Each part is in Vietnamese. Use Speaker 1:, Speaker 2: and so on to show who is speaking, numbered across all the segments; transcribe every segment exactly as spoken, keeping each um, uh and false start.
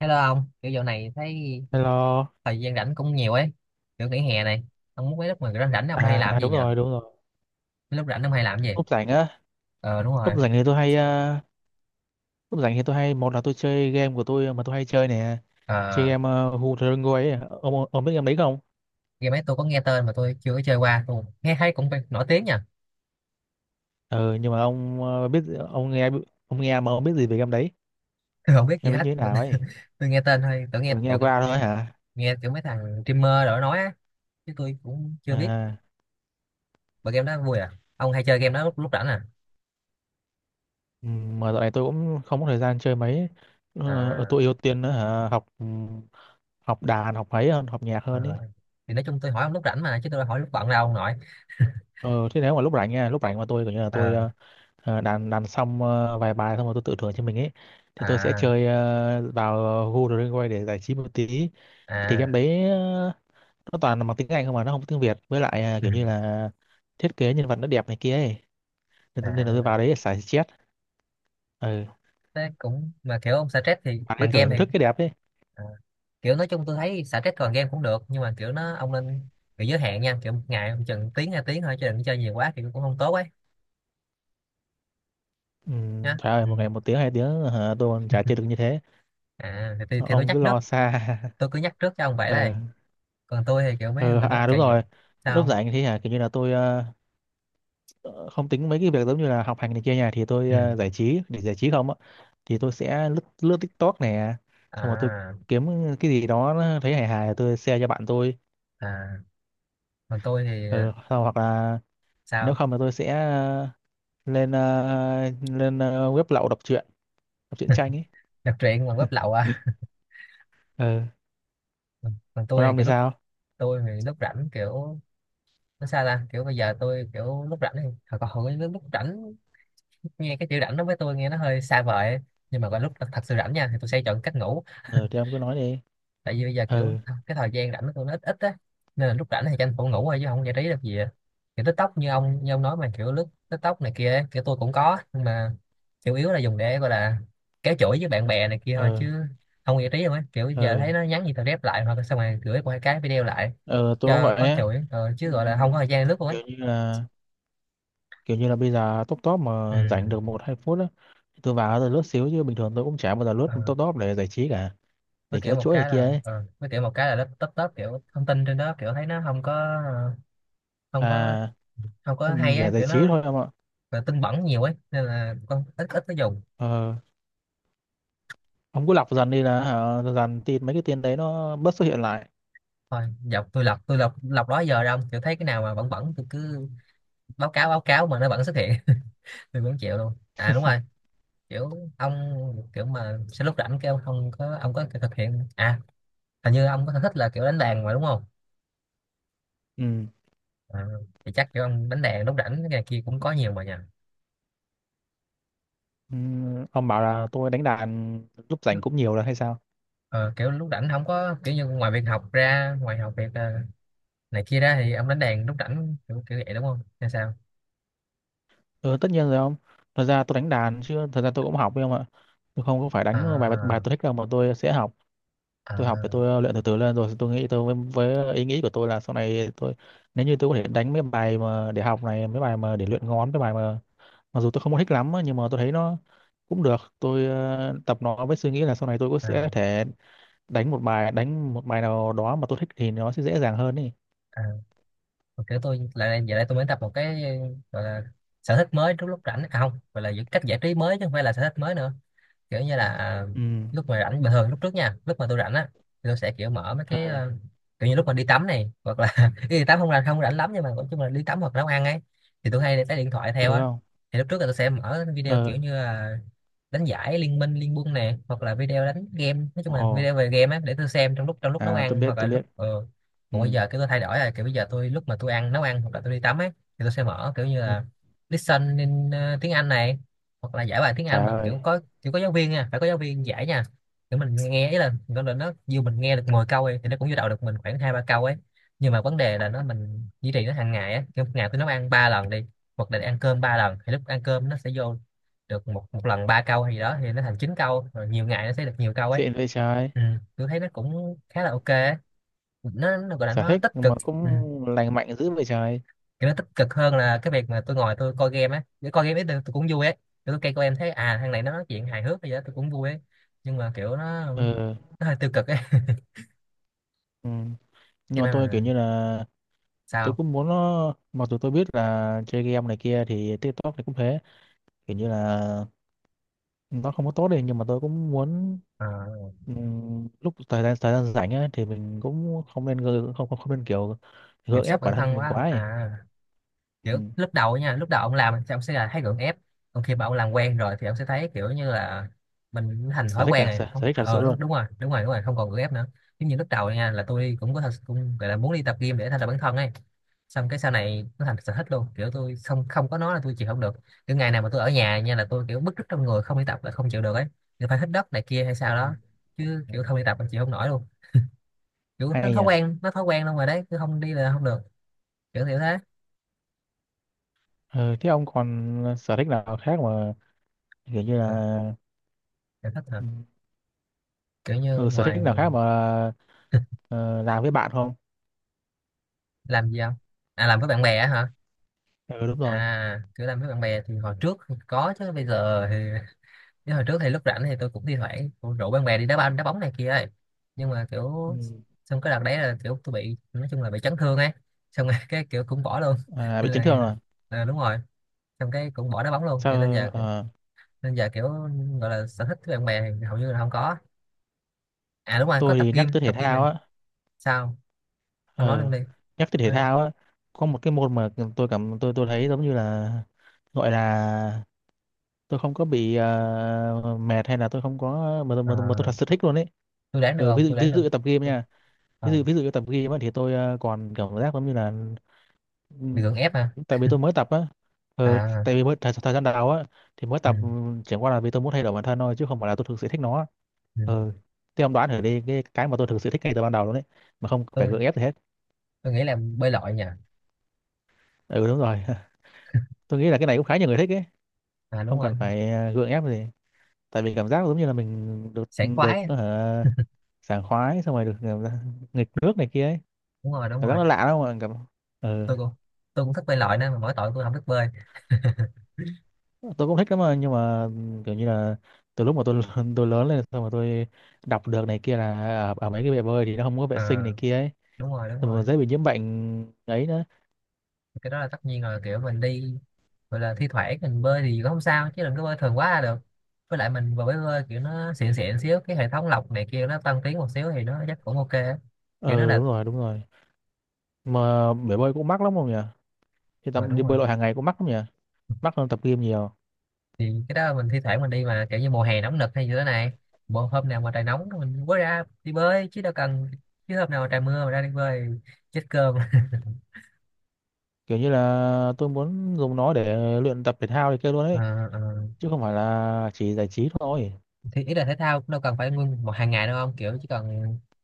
Speaker 1: Hello ông, kiểu dạo này thấy
Speaker 2: Hello.
Speaker 1: thời gian rảnh cũng nhiều ấy, kiểu nghỉ hè này, ông muốn mấy lúc mà rảnh rảnh ông hay
Speaker 2: À
Speaker 1: làm gì
Speaker 2: đúng
Speaker 1: nhỉ?
Speaker 2: rồi, đúng rồi.
Speaker 1: Mấy lúc rảnh ông hay làm gì?
Speaker 2: Lúc rảnh á,
Speaker 1: Ờ đúng
Speaker 2: lúc
Speaker 1: rồi,
Speaker 2: rảnh thì tôi hay ờ, lúc rảnh thì tôi hay một là tôi chơi game của tôi mà tôi hay chơi nè. Chơi
Speaker 1: ờ,
Speaker 2: game uh, Who the Go ấy. Ông ông biết game đấy không?
Speaker 1: game ấy tôi có nghe tên mà tôi chưa có chơi qua, tôi nghe thấy cũng phải nổi tiếng nha.
Speaker 2: Ừ nhưng mà ông ờ, biết ông nghe ông nghe mà ông biết gì về game đấy?
Speaker 1: Tôi không biết gì
Speaker 2: Game đấy
Speaker 1: hết.
Speaker 2: như thế nào ấy?
Speaker 1: Tôi nghe tên thôi, tôi nghe
Speaker 2: Rồi nghe
Speaker 1: tụi
Speaker 2: qua thôi hả?
Speaker 1: nghe kiểu mấy thằng streamer rồi nói á, chứ tôi cũng chưa biết,
Speaker 2: À
Speaker 1: mà game đó vui à? Ông hay chơi game đó lúc lúc rảnh à?
Speaker 2: ừm, mà dạo này tôi cũng không có thời gian chơi mấy. Ờ, ờ,
Speaker 1: À,
Speaker 2: tôi ưu tiên nữa hả? Học ừm, học đàn, học ấy hơn, học nhạc
Speaker 1: ờ,
Speaker 2: hơn ấy.
Speaker 1: thì nói chung tôi hỏi ông lúc rảnh mà, chứ tôi đâu hỏi lúc bận đâu ông nội.
Speaker 2: Ờ thế nếu mà lúc rảnh nha, lúc rảnh mà tôi kiểu như là tôi
Speaker 1: Ờ.
Speaker 2: ờ, ờ, đàn đàn xong ờ, vài bài xong rồi tôi tự thưởng cho mình ấy, thì tôi sẽ
Speaker 1: À.
Speaker 2: chơi ờ, vào Google Drive để giải trí một tí. Thì game
Speaker 1: À.
Speaker 2: đấy ờ, nó toàn là bằng tiếng Anh không mà nó không có tiếng Việt, với lại ờ,
Speaker 1: Ừ.
Speaker 2: kiểu như là thiết kế nhân vật nó đẹp này kia ấy, nên, nên là tôi
Speaker 1: À.
Speaker 2: vào đấy để xả stress. Ừ.
Speaker 1: Thế cũng mà kiểu ông xả stress thì
Speaker 2: Bạn ấy
Speaker 1: bằng game
Speaker 2: thưởng
Speaker 1: thì
Speaker 2: thức cái đẹp ấy.
Speaker 1: à, kiểu nói chung tôi thấy xả stress bằng game cũng được nhưng mà kiểu nó ông nên bị giới hạn nha, kiểu một ngày ông chừng tiếng hai tiếng thôi chứ đừng chơi nhiều quá thì cũng không tốt ấy
Speaker 2: Ừ,
Speaker 1: nhá.
Speaker 2: trời ơi
Speaker 1: Ừ.
Speaker 2: một ngày một tiếng hai tiếng hả, tôi còn chả chơi được như thế.
Speaker 1: À thì, thì, thì tôi
Speaker 2: Ông
Speaker 1: nhắc
Speaker 2: cứ
Speaker 1: trước
Speaker 2: lo xa.
Speaker 1: tôi cứ nhắc trước cho ông vậy
Speaker 2: Ừ.
Speaker 1: đây. Còn tôi thì kiểu mấy
Speaker 2: Ừ.
Speaker 1: mình rất
Speaker 2: À
Speaker 1: kệ
Speaker 2: đúng
Speaker 1: giờ
Speaker 2: rồi,
Speaker 1: sao
Speaker 2: lúc
Speaker 1: không?
Speaker 2: rảnh thì hả kiểu như là tôi ờ, ờ, không tính mấy cái việc giống như là học hành này kia nhà, thì tôi
Speaker 1: Ừ.
Speaker 2: ờ, giải trí để giải trí không á, thì tôi sẽ lướt lướt TikTok này, xong rồi tôi
Speaker 1: À.
Speaker 2: kiếm cái gì đó nó thấy hài hài tôi share cho bạn tôi.
Speaker 1: À còn tôi thì ờ,
Speaker 2: Ờ, sau hoặc là nếu
Speaker 1: sao
Speaker 2: không là tôi sẽ ờ, lên ờ, lên ờ, web lậu đọc truyện, đọc truyện tranh ấy.
Speaker 1: đọc truyện bằng web lậu à?
Speaker 2: Ờ,
Speaker 1: Còn
Speaker 2: còn
Speaker 1: tôi thì
Speaker 2: ông thì
Speaker 1: kiểu lúc
Speaker 2: sao?
Speaker 1: tôi thì lúc rảnh kiểu nó sao ta, kiểu bây giờ tôi kiểu lúc rảnh thì hồi còn hồi lúc lúc rảnh nghe cái chữ rảnh đó với tôi nghe nó hơi xa vời ấy. Nhưng mà vào lúc thật, thật sự rảnh nha thì tôi sẽ chọn cách ngủ
Speaker 2: Ờ thì ông cứ nói đi.
Speaker 1: tại vì bây giờ kiểu
Speaker 2: Ờ,
Speaker 1: cái thời gian rảnh của tôi nó ít ít á, nên là lúc rảnh thì tranh thủ ngủ thôi chứ không giải trí được gì á. Kiểu TikTok như ông như ông nói mà kiểu lướt TikTok này kia ấy, kiểu tôi cũng có nhưng mà chủ yếu là dùng để gọi là kéo chuỗi với bạn bè này kia thôi
Speaker 2: ờ,
Speaker 1: chứ không giải trí đâu ấy, kiểu giờ
Speaker 2: ờ,
Speaker 1: thấy nó nhắn gì tao rep lại hoặc là xong rồi gửi qua cái video lại
Speaker 2: ờ, tôi cũng
Speaker 1: cho
Speaker 2: vậy
Speaker 1: có
Speaker 2: ấy.
Speaker 1: chuỗi ờ,
Speaker 2: Ừ,
Speaker 1: chứ gọi là không có thời gian lướt luôn ấy.
Speaker 2: kiểu như là kiểu như là bây giờ top top mà rảnh được một hai phút á, tôi vào tôi lướt xíu chứ bình thường tôi cũng chả bao giờ lướt
Speaker 1: Ừ.
Speaker 2: top top để giải trí cả,
Speaker 1: Với
Speaker 2: để
Speaker 1: kiểu
Speaker 2: kéo
Speaker 1: một
Speaker 2: chuỗi này
Speaker 1: cái
Speaker 2: kia
Speaker 1: là
Speaker 2: ấy.
Speaker 1: ờ, với kiểu một cái là nó tấp tấp kiểu thông tin trên đó kiểu thấy nó không có ờ, không có
Speaker 2: À,
Speaker 1: không có hay
Speaker 2: để
Speaker 1: á
Speaker 2: giải
Speaker 1: kiểu
Speaker 2: trí
Speaker 1: nó
Speaker 2: thôi em ạ.
Speaker 1: là tin bẩn nhiều ấy nên là con ít ít nó dùng
Speaker 2: Ờ, ông cứ lọc dần đi là hả, dần tin mấy cái tin đấy nó bớt xuất hiện lại.
Speaker 1: thôi. Dọc tôi lọc tôi lọc lọc đó giờ ra không, kiểu thấy cái nào mà bẩn bẩn tôi cứ báo cáo báo cáo mà nó vẫn xuất hiện. Tôi cũng chịu luôn. À đúng rồi, kiểu ông kiểu mà sẽ lúc rảnh kêu không có ông có thực hiện à, hình như ông có sở thích là kiểu đánh đàn mà đúng không?
Speaker 2: Ừ.
Speaker 1: À, thì chắc kiểu ông đánh đàn lúc rảnh cái này kia cũng có nhiều mà nhỉ.
Speaker 2: Ừ, ông bảo là tôi đánh đàn lúc rảnh cũng nhiều là hay sao?
Speaker 1: Ờ, kiểu lúc rảnh không có kiểu như ngoài việc học ra ngoài học việc ờ, này kia ra thì ông đánh đàn lúc rảnh kiểu, kiểu vậy đúng không hay sao?
Speaker 2: Ừ, tất nhiên rồi ông. Thật ra tôi đánh đàn chứ thật ra tôi cũng học với ông ạ. Tôi không có phải đánh bài bài
Speaker 1: À.
Speaker 2: tôi thích đâu mà tôi sẽ học. Tôi học để
Speaker 1: À.
Speaker 2: tôi ờ, luyện từ từ lên, rồi tôi nghĩ tôi với, với ờ, ý nghĩ của tôi là sau này tôi, nếu như tôi có thể đánh mấy bài mà để học này, mấy bài mà để luyện ngón, mấy bài mà mặc dù tôi không có thích lắm á, nhưng mà tôi thấy nó cũng được, tôi ờ, tập nó với suy nghĩ là sau này tôi cũng sẽ
Speaker 1: À.
Speaker 2: thể đánh một bài, đánh một bài nào đó mà tôi thích thì nó sẽ dễ dàng hơn đi.
Speaker 1: À. Mà kiểu tôi lại giờ đây tôi mới tập một cái gọi là sở thích mới lúc lúc rảnh, à không, gọi là những cách giải trí mới chứ không phải là sở thích mới nữa, kiểu như là à,
Speaker 2: Ừ.
Speaker 1: lúc mà rảnh bình thường lúc trước nha lúc mà tôi rảnh á thì tôi sẽ kiểu mở mấy
Speaker 2: Ờ.
Speaker 1: cái ờ, kiểu như lúc mà đi tắm này hoặc là đi tắm không là không rảnh lắm nhưng mà nói chung là đi tắm hoặc nấu ăn ấy thì tôi hay để cái điện thoại
Speaker 2: Ừ,
Speaker 1: theo á,
Speaker 2: không.
Speaker 1: thì lúc trước là tôi sẽ mở video
Speaker 2: Ờ.
Speaker 1: kiểu như là đánh giải liên minh liên quân nè hoặc là video đánh game nói chung
Speaker 2: Ồ.
Speaker 1: là video về game á để tôi xem trong lúc trong lúc nấu
Speaker 2: À tôi
Speaker 1: ăn
Speaker 2: biết
Speaker 1: hoặc là
Speaker 2: tôi
Speaker 1: lúc
Speaker 2: biết.
Speaker 1: ờ
Speaker 2: Ừ.
Speaker 1: còn bây giờ cái tôi thay đổi là kiểu bây giờ tôi lúc mà tôi ăn nấu ăn hoặc là tôi đi tắm á thì tôi sẽ mở kiểu như
Speaker 2: Ừ.
Speaker 1: là listen in ờ, tiếng Anh này hoặc là giải bài tiếng Anh
Speaker 2: Trời
Speaker 1: mà
Speaker 2: ơi,
Speaker 1: kiểu có kiểu có giáo viên nha phải có giáo viên giải nha, kiểu mình nghe ấy là nó là nó dù mình nghe được mười câu ấy, thì nó cũng vô đầu được mình khoảng hai ba câu ấy, nhưng mà vấn đề là nó mình duy trì nó hàng ngày á, kiểu một ngày tôi nấu ăn ba lần đi hoặc là ăn cơm ba lần thì lúc ăn cơm nó sẽ vô được một một lần ba câu gì đó thì nó thành chín câu rồi nhiều ngày nó sẽ được nhiều câu ấy.
Speaker 2: xịn vậy trời.
Speaker 1: Ừ. Tôi thấy nó cũng khá là ok ấy. nó, nó gọi là
Speaker 2: Sở
Speaker 1: nó
Speaker 2: thích
Speaker 1: tích cực.
Speaker 2: mà
Speaker 1: Ừ.
Speaker 2: cũng lành mạnh dữ vậy trời.
Speaker 1: Kiểu nó tích cực hơn là cái việc mà tôi ngồi tôi coi game á, để coi game ấy tôi, tôi cũng vui ấy kiểu tôi coi coi em thấy à thằng này nó nói chuyện hài hước hay gì đó tôi cũng vui ấy nhưng mà kiểu nó
Speaker 2: Ờ.
Speaker 1: nó hơi tiêu cực ấy.
Speaker 2: Ừ.
Speaker 1: Cho
Speaker 2: Nhưng mà
Speaker 1: nên
Speaker 2: tôi kiểu
Speaker 1: là
Speaker 2: như là tôi
Speaker 1: sao.
Speaker 2: cũng muốn nó mặc dù tôi biết là chơi game này kia thì TikTok này cũng thế, kiểu như là nó không có tốt đi nhưng mà tôi cũng muốn
Speaker 1: Ờ,
Speaker 2: ừm, lúc thời gian thời gian rảnh ấy, thì mình cũng không nên gơ- không không, không nên kiểu
Speaker 1: kiểm
Speaker 2: gượng
Speaker 1: soát
Speaker 2: ép
Speaker 1: bản
Speaker 2: bản thân
Speaker 1: thân
Speaker 2: mình
Speaker 1: quá
Speaker 2: quá ấy.
Speaker 1: à,
Speaker 2: Ừ.
Speaker 1: kiểu lúc đầu nha lúc đầu ông làm thì ông sẽ là thấy gượng ép còn khi mà ông làm quen rồi thì ông sẽ thấy kiểu như là mình thành
Speaker 2: Sở
Speaker 1: thói
Speaker 2: thích
Speaker 1: quen
Speaker 2: cả
Speaker 1: rồi,
Speaker 2: sở,
Speaker 1: không
Speaker 2: sở thích thật sự
Speaker 1: ờ đúng,
Speaker 2: luôn.
Speaker 1: đúng rồi đúng rồi đúng rồi không còn gượng ép nữa, giống như lúc đầu nha là tôi cũng có thật cũng gọi là muốn đi tập gym để thay đổi bản thân ấy, xong cái sau này nó thành sở thích luôn kiểu tôi không không có nó là tôi chịu không được, kiểu ngày nào mà tôi ở nhà nha là tôi kiểu bứt rứt trong người không đi tập là không chịu được ấy thì phải hít đất này kia hay sao
Speaker 2: Ừ.
Speaker 1: đó chứ
Speaker 2: Ừ.
Speaker 1: kiểu không đi tập là chịu không nổi luôn, kiểu nó
Speaker 2: Hay
Speaker 1: thói
Speaker 2: nhỉ.
Speaker 1: quen nó thói quen luôn rồi đấy cứ không đi là không được, kiểu kiểu thế.
Speaker 2: Ừ, thế ông còn sở thích nào khác mà kiểu như
Speaker 1: Ờ,
Speaker 2: là.
Speaker 1: sở thích hả?
Speaker 2: Ừ,
Speaker 1: Kiểu như
Speaker 2: ừ, sở
Speaker 1: ngoài
Speaker 2: thích nào khác mà ờ, làm với bạn không?
Speaker 1: làm gì không. À làm với bạn bè á hả,
Speaker 2: Ừ đúng rồi.
Speaker 1: à kiểu làm với bạn bè thì hồi trước thì có chứ bây giờ thì chứ hồi trước thì lúc rảnh thì tôi cũng thi thoảng cũng rủ bạn bè đi đá banh đá bóng này kia ấy nhưng mà
Speaker 2: Ừ.
Speaker 1: kiểu xong cái đợt đấy là kiểu tôi bị nói chung là bị chấn thương ấy xong rồi cái kiểu cũng bỏ luôn
Speaker 2: À,
Speaker 1: nên
Speaker 2: bị chấn thương
Speaker 1: là
Speaker 2: rồi.
Speaker 1: à, đúng rồi xong cái cũng bỏ đá bóng luôn cho nên
Speaker 2: Sao
Speaker 1: giờ
Speaker 2: ờ,
Speaker 1: nên giờ kiểu gọi là sở thích với bạn bè thì hầu như là không có, à đúng rồi có
Speaker 2: tôi
Speaker 1: tập
Speaker 2: thì nhắc
Speaker 1: gym
Speaker 2: tới thể
Speaker 1: tập gym này.
Speaker 2: thao á,
Speaker 1: Sao. Không nói
Speaker 2: ờ,
Speaker 1: luôn đi.
Speaker 2: nhắc tới thể
Speaker 1: Nói đi.
Speaker 2: thao á, có một cái môn mà tôi cảm tôi tôi thấy giống như là gọi là tôi không có bị ờ, mệt hay là tôi không có mà, tôi-
Speaker 1: Ờ,
Speaker 2: mà, tôi- mà tôi thật sự thích luôn ấy.
Speaker 1: tôi đoán được
Speaker 2: Ừ, ví
Speaker 1: không tôi
Speaker 2: dụ
Speaker 1: đoán
Speaker 2: ví
Speaker 1: được.
Speaker 2: dụ như tập gym nha,
Speaker 1: Ờ,
Speaker 2: ví dụ ví dụ như tập gym á, thì tôi ờ, còn cảm giác giống như là, ừ,
Speaker 1: lực lượng ép hả?
Speaker 2: tại vì tôi mới tập á, ờ,
Speaker 1: À.
Speaker 2: tại vì mới thời, thời gian đầu á thì mới
Speaker 1: Ừ.
Speaker 2: tập, ừ, chẳng qua là vì tôi muốn thay đổi bản thân thôi chứ không phải là tôi thực sự thích nó.
Speaker 1: Ừ.
Speaker 2: Ờ, thế ông đoán thử đi cái cái mà tôi thực sự thích ngay từ ban đầu luôn đấy, mà không phải
Speaker 1: tôi
Speaker 2: gượng ép gì hết.
Speaker 1: tôi nghĩ là bơi lội nhỉ.
Speaker 2: Ừ đúng rồi. Tôi nghĩ là cái này cũng khá nhiều người thích ấy,
Speaker 1: À đúng
Speaker 2: không
Speaker 1: rồi.
Speaker 2: cần phải ờ, gượng ép gì. Tại vì cảm giác giống như là mình được
Speaker 1: Sảng
Speaker 2: được
Speaker 1: khoái.
Speaker 2: ờ, sảng khoái xong rồi được ờ, nghịch nước này kia ấy.
Speaker 1: Đúng rồi đúng
Speaker 2: Cảm giác
Speaker 1: rồi.
Speaker 2: nó lạ lắm mà cảm. Ừ.
Speaker 1: Tôi cũng tôi cũng thích bơi lội nên mà mỗi tội tôi không thích bơi.
Speaker 2: Tôi cũng thích lắm mà nhưng mà kiểu như là từ lúc mà tôi tôi lớn lên xong mà tôi đọc được này kia là ở, ở mấy cái bể bơi thì nó không có vệ
Speaker 1: Ờ,
Speaker 2: sinh này kia ấy,
Speaker 1: đúng rồi đúng
Speaker 2: xong
Speaker 1: rồi.
Speaker 2: rồi dễ bị nhiễm bệnh ấy nữa.
Speaker 1: Cái đó là tất nhiên rồi kiểu mình đi gọi là thi thoảng mình bơi thì cũng không sao chứ đừng có bơi thường quá là được, với lại mình vừa mới bơi kiểu nó xịn xịn xíu cái hệ thống lọc này kia nó tân tiến một xíu thì nó chắc cũng ok á. Kiểu nó
Speaker 2: Ừ
Speaker 1: là.
Speaker 2: đúng rồi, đúng rồi. Mà bể bơi cũng mắc lắm không nhỉ? Thì
Speaker 1: Ờ
Speaker 2: tắm đi
Speaker 1: đúng
Speaker 2: bơi
Speaker 1: rồi.
Speaker 2: lội hàng ngày cũng mắc lắm nhỉ? Mắc hơn tập gym nhiều.
Speaker 1: Thì cái đó mình thi thoảng mình đi mà kiểu như mùa hè nóng nực hay như thế này bộ hôm nào mà trời nóng mình mới ra đi bơi chứ đâu cần, chứ hôm nào mà trời mưa mà ra đi bơi chết cơm.
Speaker 2: Kiểu như là tôi muốn dùng nó để luyện tập thể thao thì kia luôn
Speaker 1: Ờ.
Speaker 2: ấy,
Speaker 1: Ờ.
Speaker 2: chứ không phải là chỉ giải trí thôi.
Speaker 1: Thì ý là thể thao cũng đâu cần phải nguyên một hàng ngày đâu không, kiểu chỉ cần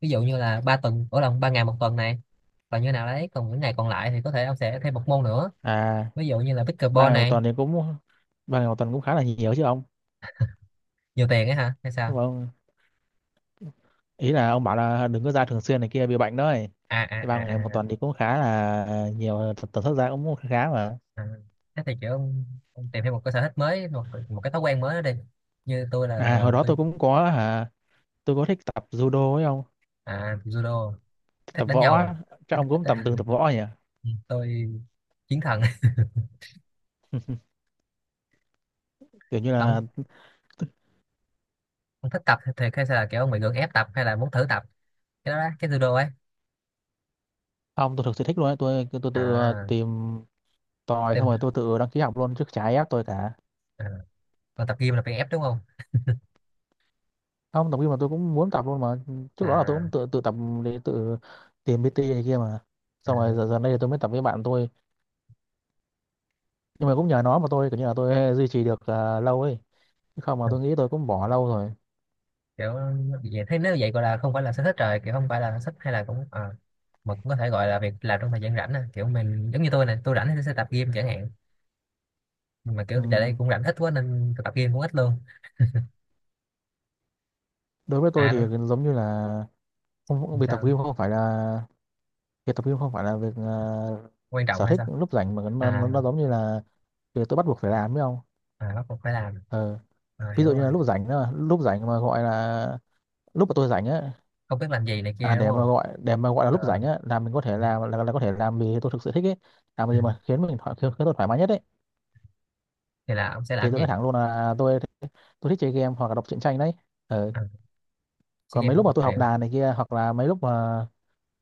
Speaker 1: ví dụ như là ba tuần ở lòng ba ngày một tuần này còn như nào đấy còn những ngày còn lại thì có thể ông sẽ thêm một môn nữa,
Speaker 2: À,
Speaker 1: ví dụ như là
Speaker 2: ba
Speaker 1: pickleball
Speaker 2: ngày một
Speaker 1: này.
Speaker 2: tuần thì cũng ba ngày một tuần cũng khá là nhiều chứ ông.
Speaker 1: Nhiều tiền ấy hả hay sao.
Speaker 2: Nhưng mà ông, ý là ông bảo là đừng có ra thường xuyên này kia bị bệnh đó ấy,
Speaker 1: À à
Speaker 2: thì ba ngày một
Speaker 1: à à,
Speaker 2: tuần thì cũng khá là nhiều, tập tần suất ra cũng khá mà.
Speaker 1: à. Thế thì kiểu ông, ông tìm thêm một cái sở thích mới một một cái thói quen mới đó đi như tôi là
Speaker 2: À hồi đó
Speaker 1: tôi.
Speaker 2: tôi cũng có hả, tôi có thích tập judo ấy ông,
Speaker 1: À judo thích
Speaker 2: tập
Speaker 1: đánh
Speaker 2: võ
Speaker 1: nhau à?
Speaker 2: á. Chắc ông cũng tập từng tập võ nhỉ,
Speaker 1: Ừ, tôi chiến thần.
Speaker 2: kiểu như là.
Speaker 1: ông ông thích tập thì hay là kiểu ông bị gượng ép tập hay là muốn thử tập cái đó đó, cái judo ấy.
Speaker 2: Ông tôi thực sự thích luôn ấy, tôi tôi tự
Speaker 1: À
Speaker 2: tìm tòi
Speaker 1: tìm.
Speaker 2: xong rồi tôi tự đăng ký học luôn, trước chả ai ép tôi cả.
Speaker 1: À, còn tập gym là bị ép đúng không.
Speaker 2: Không tập gym mà tôi cũng muốn tập luôn mà, trước đó là tôi
Speaker 1: À,
Speaker 2: cũng tự tự tập để tự tìm pê tê này kia mà, xong rồi
Speaker 1: à
Speaker 2: giờ giờ đây tôi mới tập với bạn tôi. Nhưng mà cũng nhờ nó mà tôi kiểu như là tôi duy trì được à, lâu ấy, chứ không mà tôi nghĩ tôi cũng bỏ lâu rồi.
Speaker 1: kiểu vậy, thế nếu vậy gọi là không phải là sở thích rồi, kiểu không phải là sở thích hay là cũng à, mà cũng có thể gọi là việc làm trong thời gian rảnh à. Kiểu mình giống như tôi này tôi rảnh thì tôi sẽ tập gym chẳng hạn nhưng mà
Speaker 2: Ừ.
Speaker 1: kiểu giờ đây cũng rảnh ít quá nên tôi tập gym cũng ít luôn.
Speaker 2: Đối với tôi
Speaker 1: À
Speaker 2: thì
Speaker 1: đúng.
Speaker 2: giống như là không, việc tập
Speaker 1: Sao.
Speaker 2: gym không phải là việc tập gym không phải là việc à,
Speaker 1: Quan trọng
Speaker 2: sở
Speaker 1: hay
Speaker 2: thích
Speaker 1: sao.
Speaker 2: lúc rảnh mà nó, nó,
Speaker 1: À,
Speaker 2: nó giống như là việc tôi bắt buộc phải làm phải không.
Speaker 1: à bắt buộc phải làm.
Speaker 2: Ờ.
Speaker 1: À,
Speaker 2: Ví
Speaker 1: hiểu
Speaker 2: dụ như là
Speaker 1: rồi.
Speaker 2: lúc rảnh đó, lúc rảnh mà gọi là lúc mà tôi rảnh á,
Speaker 1: Không biết làm gì này
Speaker 2: à,
Speaker 1: kia đúng
Speaker 2: để mà
Speaker 1: không.
Speaker 2: gọi để mà gọi là lúc
Speaker 1: Ờ,
Speaker 2: rảnh á là mình có thể làm là, là có thể làm vì tôi thực sự thích ấy, làm
Speaker 1: ừ.
Speaker 2: gì mà khiến mình thoải khiến, khiến tôi thoải mái nhất ấy,
Speaker 1: Thì là ông sẽ
Speaker 2: thì
Speaker 1: làm
Speaker 2: tôi
Speaker 1: gì.
Speaker 2: nói thẳng luôn là tôi tôi thích chơi game hoặc là đọc truyện tranh đấy. Ờ,
Speaker 1: À, sea
Speaker 2: còn
Speaker 1: games
Speaker 2: mấy
Speaker 1: một
Speaker 2: lúc mà
Speaker 1: tập
Speaker 2: tôi học
Speaker 1: truyện.
Speaker 2: đàn này kia hoặc là mấy lúc mà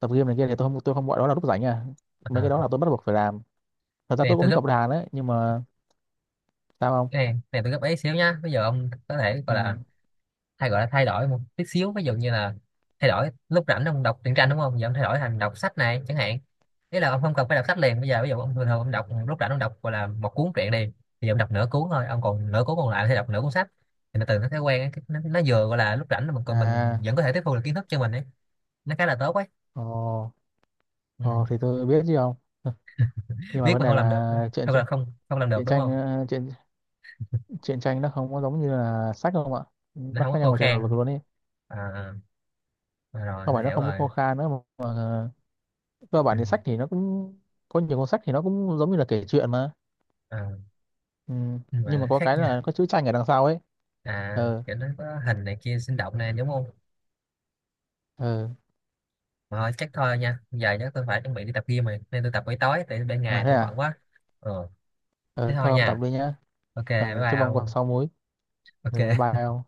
Speaker 2: tập game này kia thì tôi không tôi không gọi đó là lúc rảnh à, mấy
Speaker 1: À,
Speaker 2: cái đó là tôi bắt buộc phải làm. Thật ra
Speaker 1: cái này
Speaker 2: tôi cũng
Speaker 1: tôi
Speaker 2: thích
Speaker 1: gấp,
Speaker 2: học đàn đấy nhưng mà sao không.
Speaker 1: cái này, cái này tôi gấp ấy xíu nhá, bây giờ ông có thể
Speaker 2: Ừ.
Speaker 1: gọi là thay gọi là thay đổi một tí xíu ví dụ như là thay đổi lúc rảnh ông đọc truyện tranh đúng không giờ ông thay đổi thành đọc sách này chẳng hạn, ý là ông không cần phải đọc sách liền bây giờ ví dụ ông
Speaker 2: Ừ.
Speaker 1: thường thường ông đọc lúc rảnh ông đọc gọi là một cuốn truyện đi thì ông đọc nửa cuốn thôi ông còn nửa cuốn còn lại thì đọc nửa cuốn sách, thì nó từ nó thói quen ấy, cái- nó, nó vừa gọi là lúc rảnh mà còn mình
Speaker 2: À.
Speaker 1: vẫn có thể tiếp thu được kiến thức cho mình ấy nó khá là tốt ấy.
Speaker 2: Ồ.
Speaker 1: Ừ.
Speaker 2: Ồ thì tôi biết chứ không. Nhưng mà
Speaker 1: Biết
Speaker 2: vấn
Speaker 1: mà
Speaker 2: đề
Speaker 1: không làm được
Speaker 2: là chuyện
Speaker 1: không
Speaker 2: chuyện
Speaker 1: là không không làm được
Speaker 2: chuyện
Speaker 1: đúng
Speaker 2: tranh
Speaker 1: không.
Speaker 2: ờ, chuyện truyện tranh nó không có giống như là sách không ạ,
Speaker 1: Nó
Speaker 2: nó
Speaker 1: không có
Speaker 2: khác nhau
Speaker 1: khô
Speaker 2: một trời vực
Speaker 1: khan.
Speaker 2: luôn đi,
Speaker 1: À, à rồi
Speaker 2: không
Speaker 1: tôi
Speaker 2: phải nó
Speaker 1: hiểu
Speaker 2: không
Speaker 1: rồi.
Speaker 2: khô khan nữa mà, mà ờ, cơ
Speaker 1: Ừ.
Speaker 2: bản thì sách thì nó cũng có nhiều cuốn sách thì nó cũng giống như là kể chuyện mà.
Speaker 1: À,
Speaker 2: Ừ.
Speaker 1: nhưng mà
Speaker 2: Nhưng
Speaker 1: nó
Speaker 2: mà có
Speaker 1: khác
Speaker 2: cái
Speaker 1: nha.
Speaker 2: là có chữ tranh ở đằng sau ấy.
Speaker 1: À
Speaker 2: Ờ.
Speaker 1: kiểu nó có hình này kia sinh động này đúng không.
Speaker 2: Ờ.
Speaker 1: Mà thôi, chắc thôi nha giờ chắc tôi phải chuẩn bị đi tập gym rồi nên tôi tập buổi tối tại ban
Speaker 2: À
Speaker 1: ngày
Speaker 2: thế
Speaker 1: tôi
Speaker 2: à.
Speaker 1: bận quá. Ừ. Thế
Speaker 2: Ờ
Speaker 1: thôi
Speaker 2: thôi ông tập
Speaker 1: nha.
Speaker 2: đi nhá.
Speaker 1: Ok bye
Speaker 2: Ờ
Speaker 1: bye
Speaker 2: chúc ông có
Speaker 1: ông.
Speaker 2: sáu múi. Ờ
Speaker 1: Ok.
Speaker 2: bye ông.